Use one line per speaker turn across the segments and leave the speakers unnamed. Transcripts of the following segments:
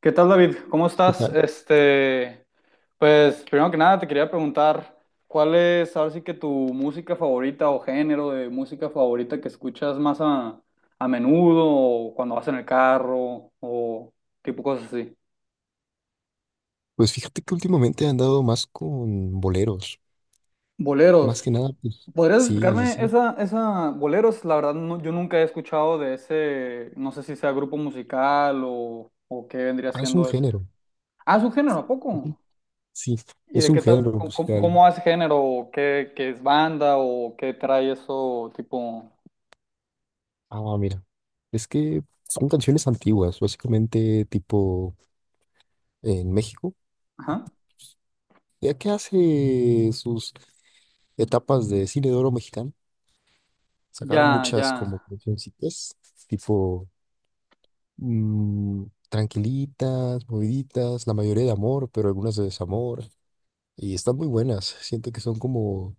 ¿Qué tal, David? ¿Cómo estás?
Ah,
Pues primero que nada te quería preguntar cuál es, ahora sí que, tu música favorita o género de música favorita que escuchas más a menudo, o cuando vas en el carro o tipo cosas así.
Pues fíjate que últimamente he andado más con boleros. Más
Boleros.
que nada, pues
¿Podrías
sí, sí,
explicarme
sí.
esa, boleros? La verdad no- yo nunca he escuchado de ese, no sé si sea grupo musical o qué vendría
Ah, es un
siendo ese.
género.
Ah, es un género, ¿a
es un-
poco?
Sí,
¿Y
es
de
un
qué tal?
género
¿Cómo,
musical.
cómo- hace género? ¿O qué, qué es banda? ¿O qué trae eso tipo?
Ah, mira. Es que son canciones antiguas, básicamente tipo en México.
Ajá.
Ya que hace sus etapas de cine de oro mexicano, sacaron
Ya, ya,
muchas como cancioncitas, tipo tranquilitas, moviditas, la mayoría de amor, pero algunas de desamor. Y están muy buenas. Siento que son como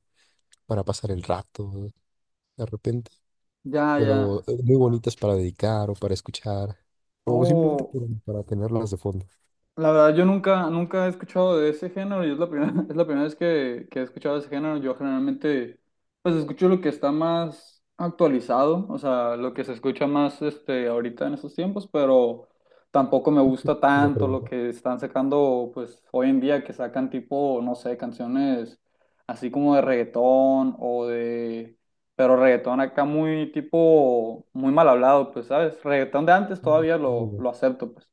para pasar el rato de repente,
ya, ya.
pero muy bonitas para dedicar o para escuchar, o simplemente
Oh,
para tenerlas de fondo.
la verdad, yo nunca, nunca he escuchado de ese género y es la primera, es la primera vez que he escuchado de ese género. Yo generalmente, pues, escucho lo que está más actualizado, o sea, lo que se escucha más, este, ahorita en estos tiempos, pero tampoco me gusta
Es una
tanto lo
pregunta.
que están sacando, pues, hoy en día, que sacan tipo, no sé, canciones así como de reggaetón o de, pero reggaetón acá muy tipo, muy mal hablado, pues, ¿sabes? Reggaetón de antes
Mm,
todavía
no, ya.
lo acepto, pues.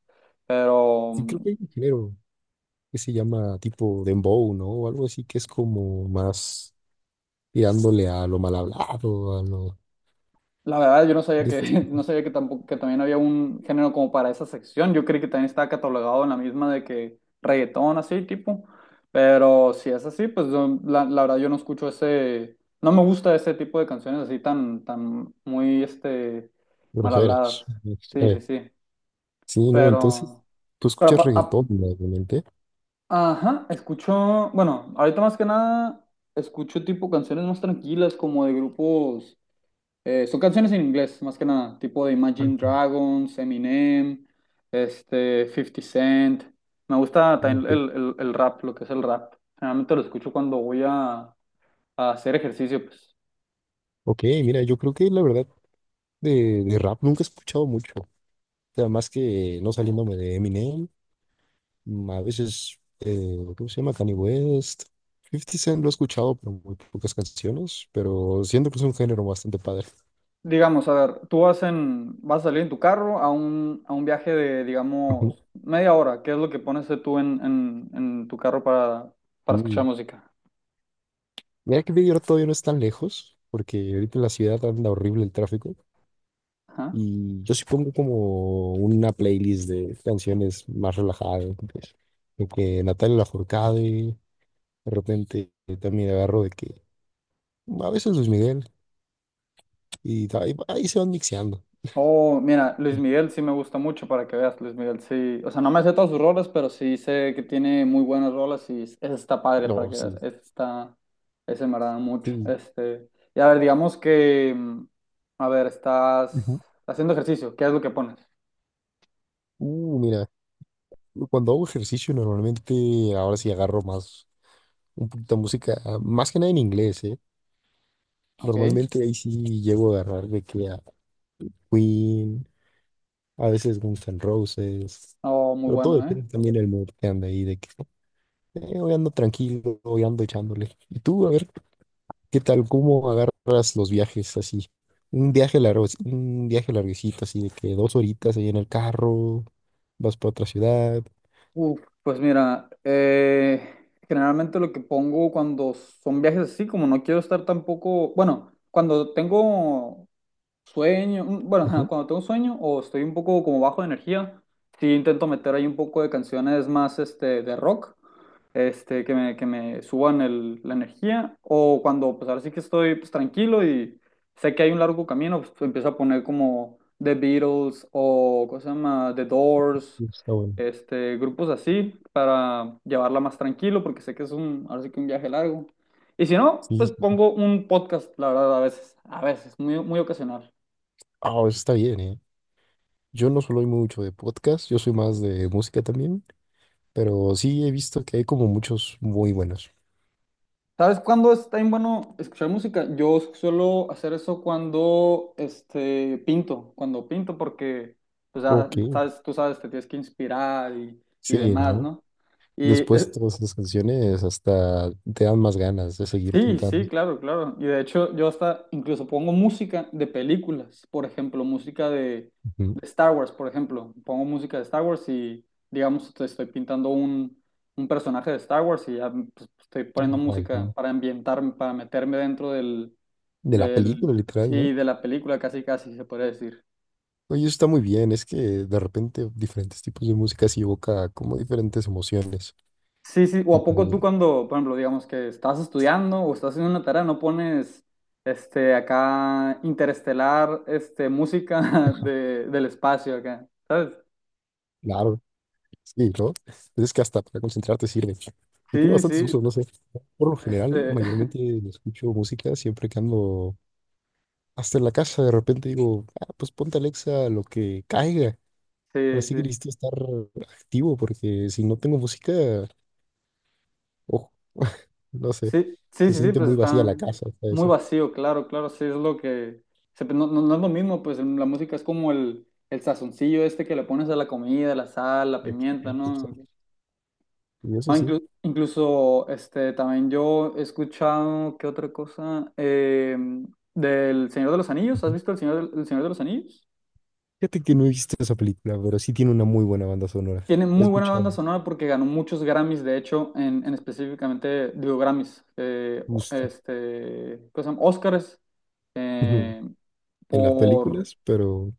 Pero
Sí, creo que hay un género que se llama tipo dembow, ¿no? O algo así que es como más tirándole a lo mal hablado, a lo
la verdad, yo no sabía
de
que,
estas
no sabía que tampoco, que también había un género como para esa sección. Yo creí que también estaba catalogado en la misma de que reggaetón, así tipo. Pero si es así, pues yo- la verdad yo no escucho ese, no me gusta ese tipo de canciones así tan, tan muy, este, mal
groseras.
habladas. Sí, sí,
Eh,
sí.
sí, ¿no? Entonces,
Pero,
tú
pero,
escuchas
pa- a-
reggaetón, obviamente.
ajá, escucho, bueno, ahorita más que nada escucho tipo canciones más tranquilas como de grupos. Son canciones en inglés, más que nada, tipo de Imagine
Ah,
Dragons, Eminem, este, Fifty Cent. Me gusta también
Ok,
el rap, lo que es el rap. Generalmente lo escucho cuando voy a hacer ejercicio, pues.
ok, mira, yo creo que la verdad de rap nunca he escuchado mucho. Sea, más que no saliéndome de Eminem, mm, a veces, ¿cómo se llama? Kanye West. Fifty Cent lo he escuchado, pero muy pocas canciones, pero siento que es un género bastante padre.
Digamos, a ver, tú vas en, vas a salir en tu carro a un viaje de,
Ujú.
digamos, media hora. ¿Qué es lo que pones tú en tu carro para escuchar
Uh,
música?
Mira que Big Air todavía no es tan lejos, porque ahorita en la ciudad anda horrible el tráfico. Y yo sí pongo como una playlist de canciones más relajadas, ¿no? Pues, de que Natalia Lafourcade, de repente también agarro de que a veces Luis Miguel, y ahí se van mixeando.
Oh, mira, Luis Miguel sí me gusta mucho, para que veas, Luis Miguel sí, o sea, no me sé todas sus rolas, pero sí sé que tiene muy buenas rolas y es- esa está padre, para
No,
que veas,
sí,
esa está, ese me agrada mucho,
sí.
este, y a ver, digamos que, a ver,
Ujú.
estás haciendo ejercicio, ¿qué es lo que pones?
Mira, cuando hago ejercicio normalmente ahora sí agarro más, un poquito de música, ah, más que nada en inglés, ¿eh?
Ok,
Normalmente ahí sí llego a agarrar de que a Queen, a veces Guns N' Roses,
oh, muy
pero todo
bueno, ¿eh?
depende también del mood que anda ahí, de que hoy ando tranquilo, hoy ando echándole. Y tú, a ver, ¿qué tal? ¿Cómo agarras los viajes así? Un viaje largo, un viaje larguecito, así de que dos horitas ahí en el carro, vas para otra ciudad.
Uf, pues mira, generalmente lo que pongo cuando son viajes así, como no quiero estar tampoco, bueno, cuando tengo sueño, bueno, ajá,
Ujú.
cuando tengo sueño o estoy un poco como bajo de energía, sí intento meter ahí un poco de canciones más este, de rock, este, que me suban el- la energía, o cuando pues ahora sí que estoy pues, tranquilo y sé que hay un largo camino, pues empiezo a poner como The Beatles o ¿cómo se llama? The Doors,
Está bueno.
este, grupos así para llevarla más tranquilo, porque sé que es un, ahora sí que un viaje largo. Y si no, pues
Sí,
pongo un podcast, la verdad, a veces, muy, muy ocasional.
ah, eso está bien, ¿eh? Yo no soy mucho de podcast, yo soy más de música también, pero sí he visto que hay como muchos muy buenos.
¿Sabes cuándo está bien bueno escuchar música? Yo suelo hacer eso cuando este, pinto, cuando pinto, porque pues, ya
Ok.
sabes, tú sabes, te tienes que inspirar y
Sí,
demás,
¿no?
¿no? Y
Después
eh,
todas esas canciones hasta te dan más ganas de seguir
sí, sí,
cantando.
claro, claro. Y de hecho, yo hasta incluso pongo música de películas, por ejemplo, música
Ujú.
de Star Wars, por ejemplo. Pongo música de Star Wars y, digamos, te estoy pintando un personaje de Star Wars, y ya pues, estoy poniendo
Ay,
música
sí.
para ambientarme, para meterme dentro del
De la
del,
película, literal, ¿no?
sí, de la película, casi casi se podría decir.
Oye, eso está muy bien, es que de repente diferentes tipos de música sí evoca como diferentes emociones,
Sí, sí, o a poco tú
tipo,
cuando, por ejemplo, digamos que estás estudiando o estás haciendo una tarea, no pones este acá interestelar, este música de, del espacio acá, ¿sabes?
claro. Sí, ¿no? Pues es que hasta para concentrarte sirve. Y tiene
Sí,
bastantes
sí,
usos, no sé. Por lo general,
este,
mayormente escucho música siempre que ando hasta en la casa. De repente digo, ah, pues ponte Alexa lo que caiga. Ahora
sí,
sí que
sí,
necesito estar activo porque si no tengo música, ojo, no sé.
sí, sí,
Se
sí, sí,
siente
pues
muy vacía
está
la casa, hasta
muy
eso.
vacío, claro, claro, sí es lo que, se- no, no, no es lo mismo, pues la música es como el sazoncillo este que le pones a la comida, la sal, la pimienta,
Exacto,
¿no?
exacto. Y eso
No,
sí.
inclu- incluso este, también yo he escuchado, ¿qué otra cosa? Del Señor de los Anillos. ¿Has
Ujú.
visto El Señor, del- El Señor de los Anillos?
Fíjate que no he visto esa película, pero sí tiene una muy buena banda sonora.
Tiene
He
muy buena
escuchado
banda sonora porque ganó muchos Grammys, de hecho, en específicamente, digo Grammys, o-
justo
este, ¿cómo se llama? Oscars, eh,
en las
por,
películas, pero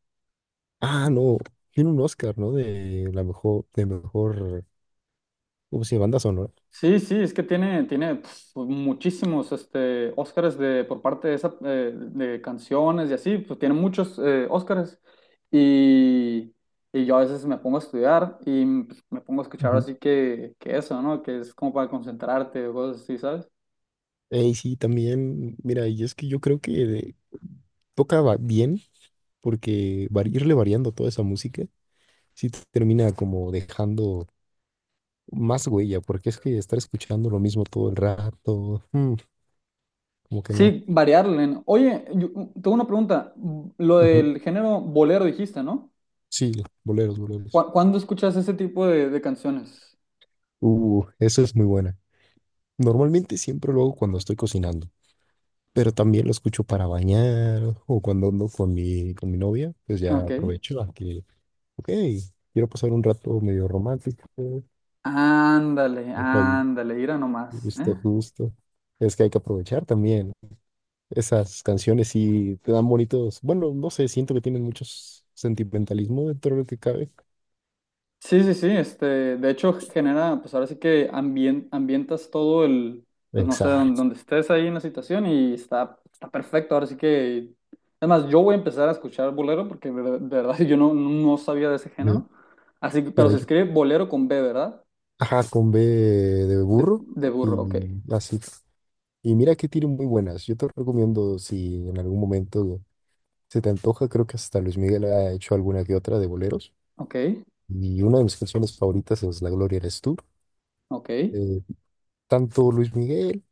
ah, no. Tiene un Oscar, ¿no? De la mejor, de mejor, ¿cómo se llama? Banda sonora.
sí, sí, es que tiene, tiene pf, muchísimos este, Óscares de, por parte de, esa, de canciones y así, pues tiene muchos Óscares. Y, y yo a veces me pongo a estudiar y pues, me pongo a escuchar
Ujú.
así que eso, ¿no? Que es como para concentrarte o cosas así, ¿sabes?
Sí, también, mira, y es que yo creo que bien porque irle variando toda esa música sí te termina como dejando más huella, porque es que estar escuchando lo mismo todo el rato, mm, como que no.
Sí, variarle, ¿no? Oye, yo, tengo una pregunta. Lo
Ujú,
del género bolero dijiste, ¿no?
sí, boleros, boleros.
¿Cu- ¿Cuándo escuchas ese tipo de canciones?
Eso es muy buena. Normalmente siempre lo hago cuando estoy cocinando. Pero también lo escucho para bañar o cuando ando con mi novia, pues ya
Ok.
aprovecho a que, ok, quiero pasar un rato medio romántico,
Ándale,
dejo ahí
ándale, mira nomás,
justo,
¿eh?
justo. Es que hay que aprovechar también. Esas canciones sí te dan bonitos, bueno, no sé, siento que tienen muchos sentimentalismo dentro de lo que cabe.
Sí, sí, sí, este, de hecho genera, pues ahora sí que ambien- ambientas todo el, pues no sé, don-
Exacto.
donde, estés ahí en la situación y está, está perfecto, ahora sí que, además yo voy a empezar a escuchar bolero, porque de verdad yo no, no sabía de ese
de-
género, así que, pero
Mira,
se
yo,
escribe bolero con B, ¿verdad?
ajá, con B de burro
De
y
burro, ok,
así. Y mira que tiene muy buenas. Yo te recomiendo si en algún momento se te antoja, creo que hasta Luis Miguel ha hecho alguna que otra de boleros.
ok,
Y una de mis canciones favoritas es La Gloria eres tú.
ok,
Eh, tanto Luis Miguel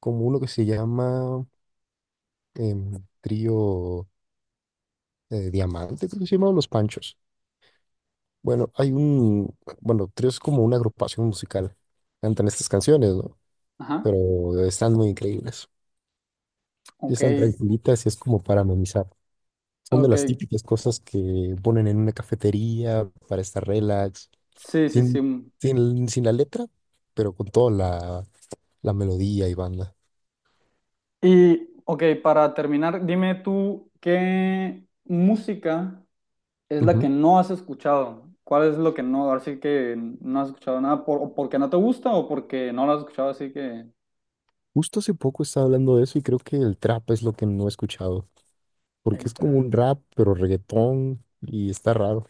como uno que se llama Trío Diamante, creo que se llama Los Panchos. Bueno, hay un, bueno, Trío es como una agrupación musical. Cantan estas canciones, ¿no?
ajá,
Pero están muy increíbles. Y
ok,
están tranquilitas y es como para amenizar. Son de
ok,
las típicas cosas que ponen en una cafetería para estar relax
sí, sí, sí,
Sin, sin la letra, pero con toda la, la melodía y banda.
y ok, para terminar, dime tú qué música es la
Ujú.
que no has escuchado. ¿Cuál es lo que no? Ahora sí que no has escuchado nada, por, o porque no te gusta o porque no lo has escuchado, así que...
Justo hace poco estaba hablando de eso y creo que el trap es lo que no he escuchado, porque
El
es como
trap.
un rap, pero reggaetón y está raro.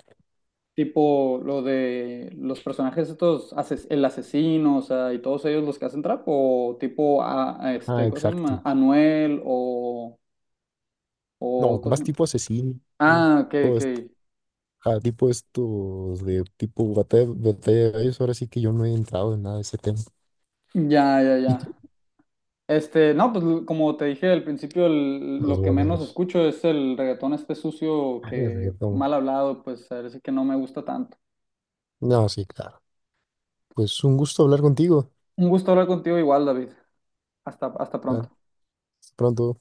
Tipo lo de los personajes estos, ases- el asesino, o sea, y todos ellos los que hacen trap, o tipo, a
Ah,
este, ¿cómo se llama?
exacto.
Anuel,
No,
o, ¿cómo se
más
llama?
tipo asesino,
Ah, ok,
todo
ok.
esto. Ah, tipo estos de tipo batalla, batalla de gallos, ahora sí que yo no he entrado en nada de ese tema.
Ya, ya,
¿Y tú?
ya. Este, no, pues l- como te dije al principio, el-
Los
lo que menos
boleros.
escucho es el reggaetón este sucio
Ah, el
que
reggaetón.
mal hablado, pues a ver, sí que no me gusta tanto.
No, sí, claro. Pues un gusto hablar contigo.
Un gusto hablar contigo igual, David. Hasta, hasta
Ya,
pronto.
hasta pronto.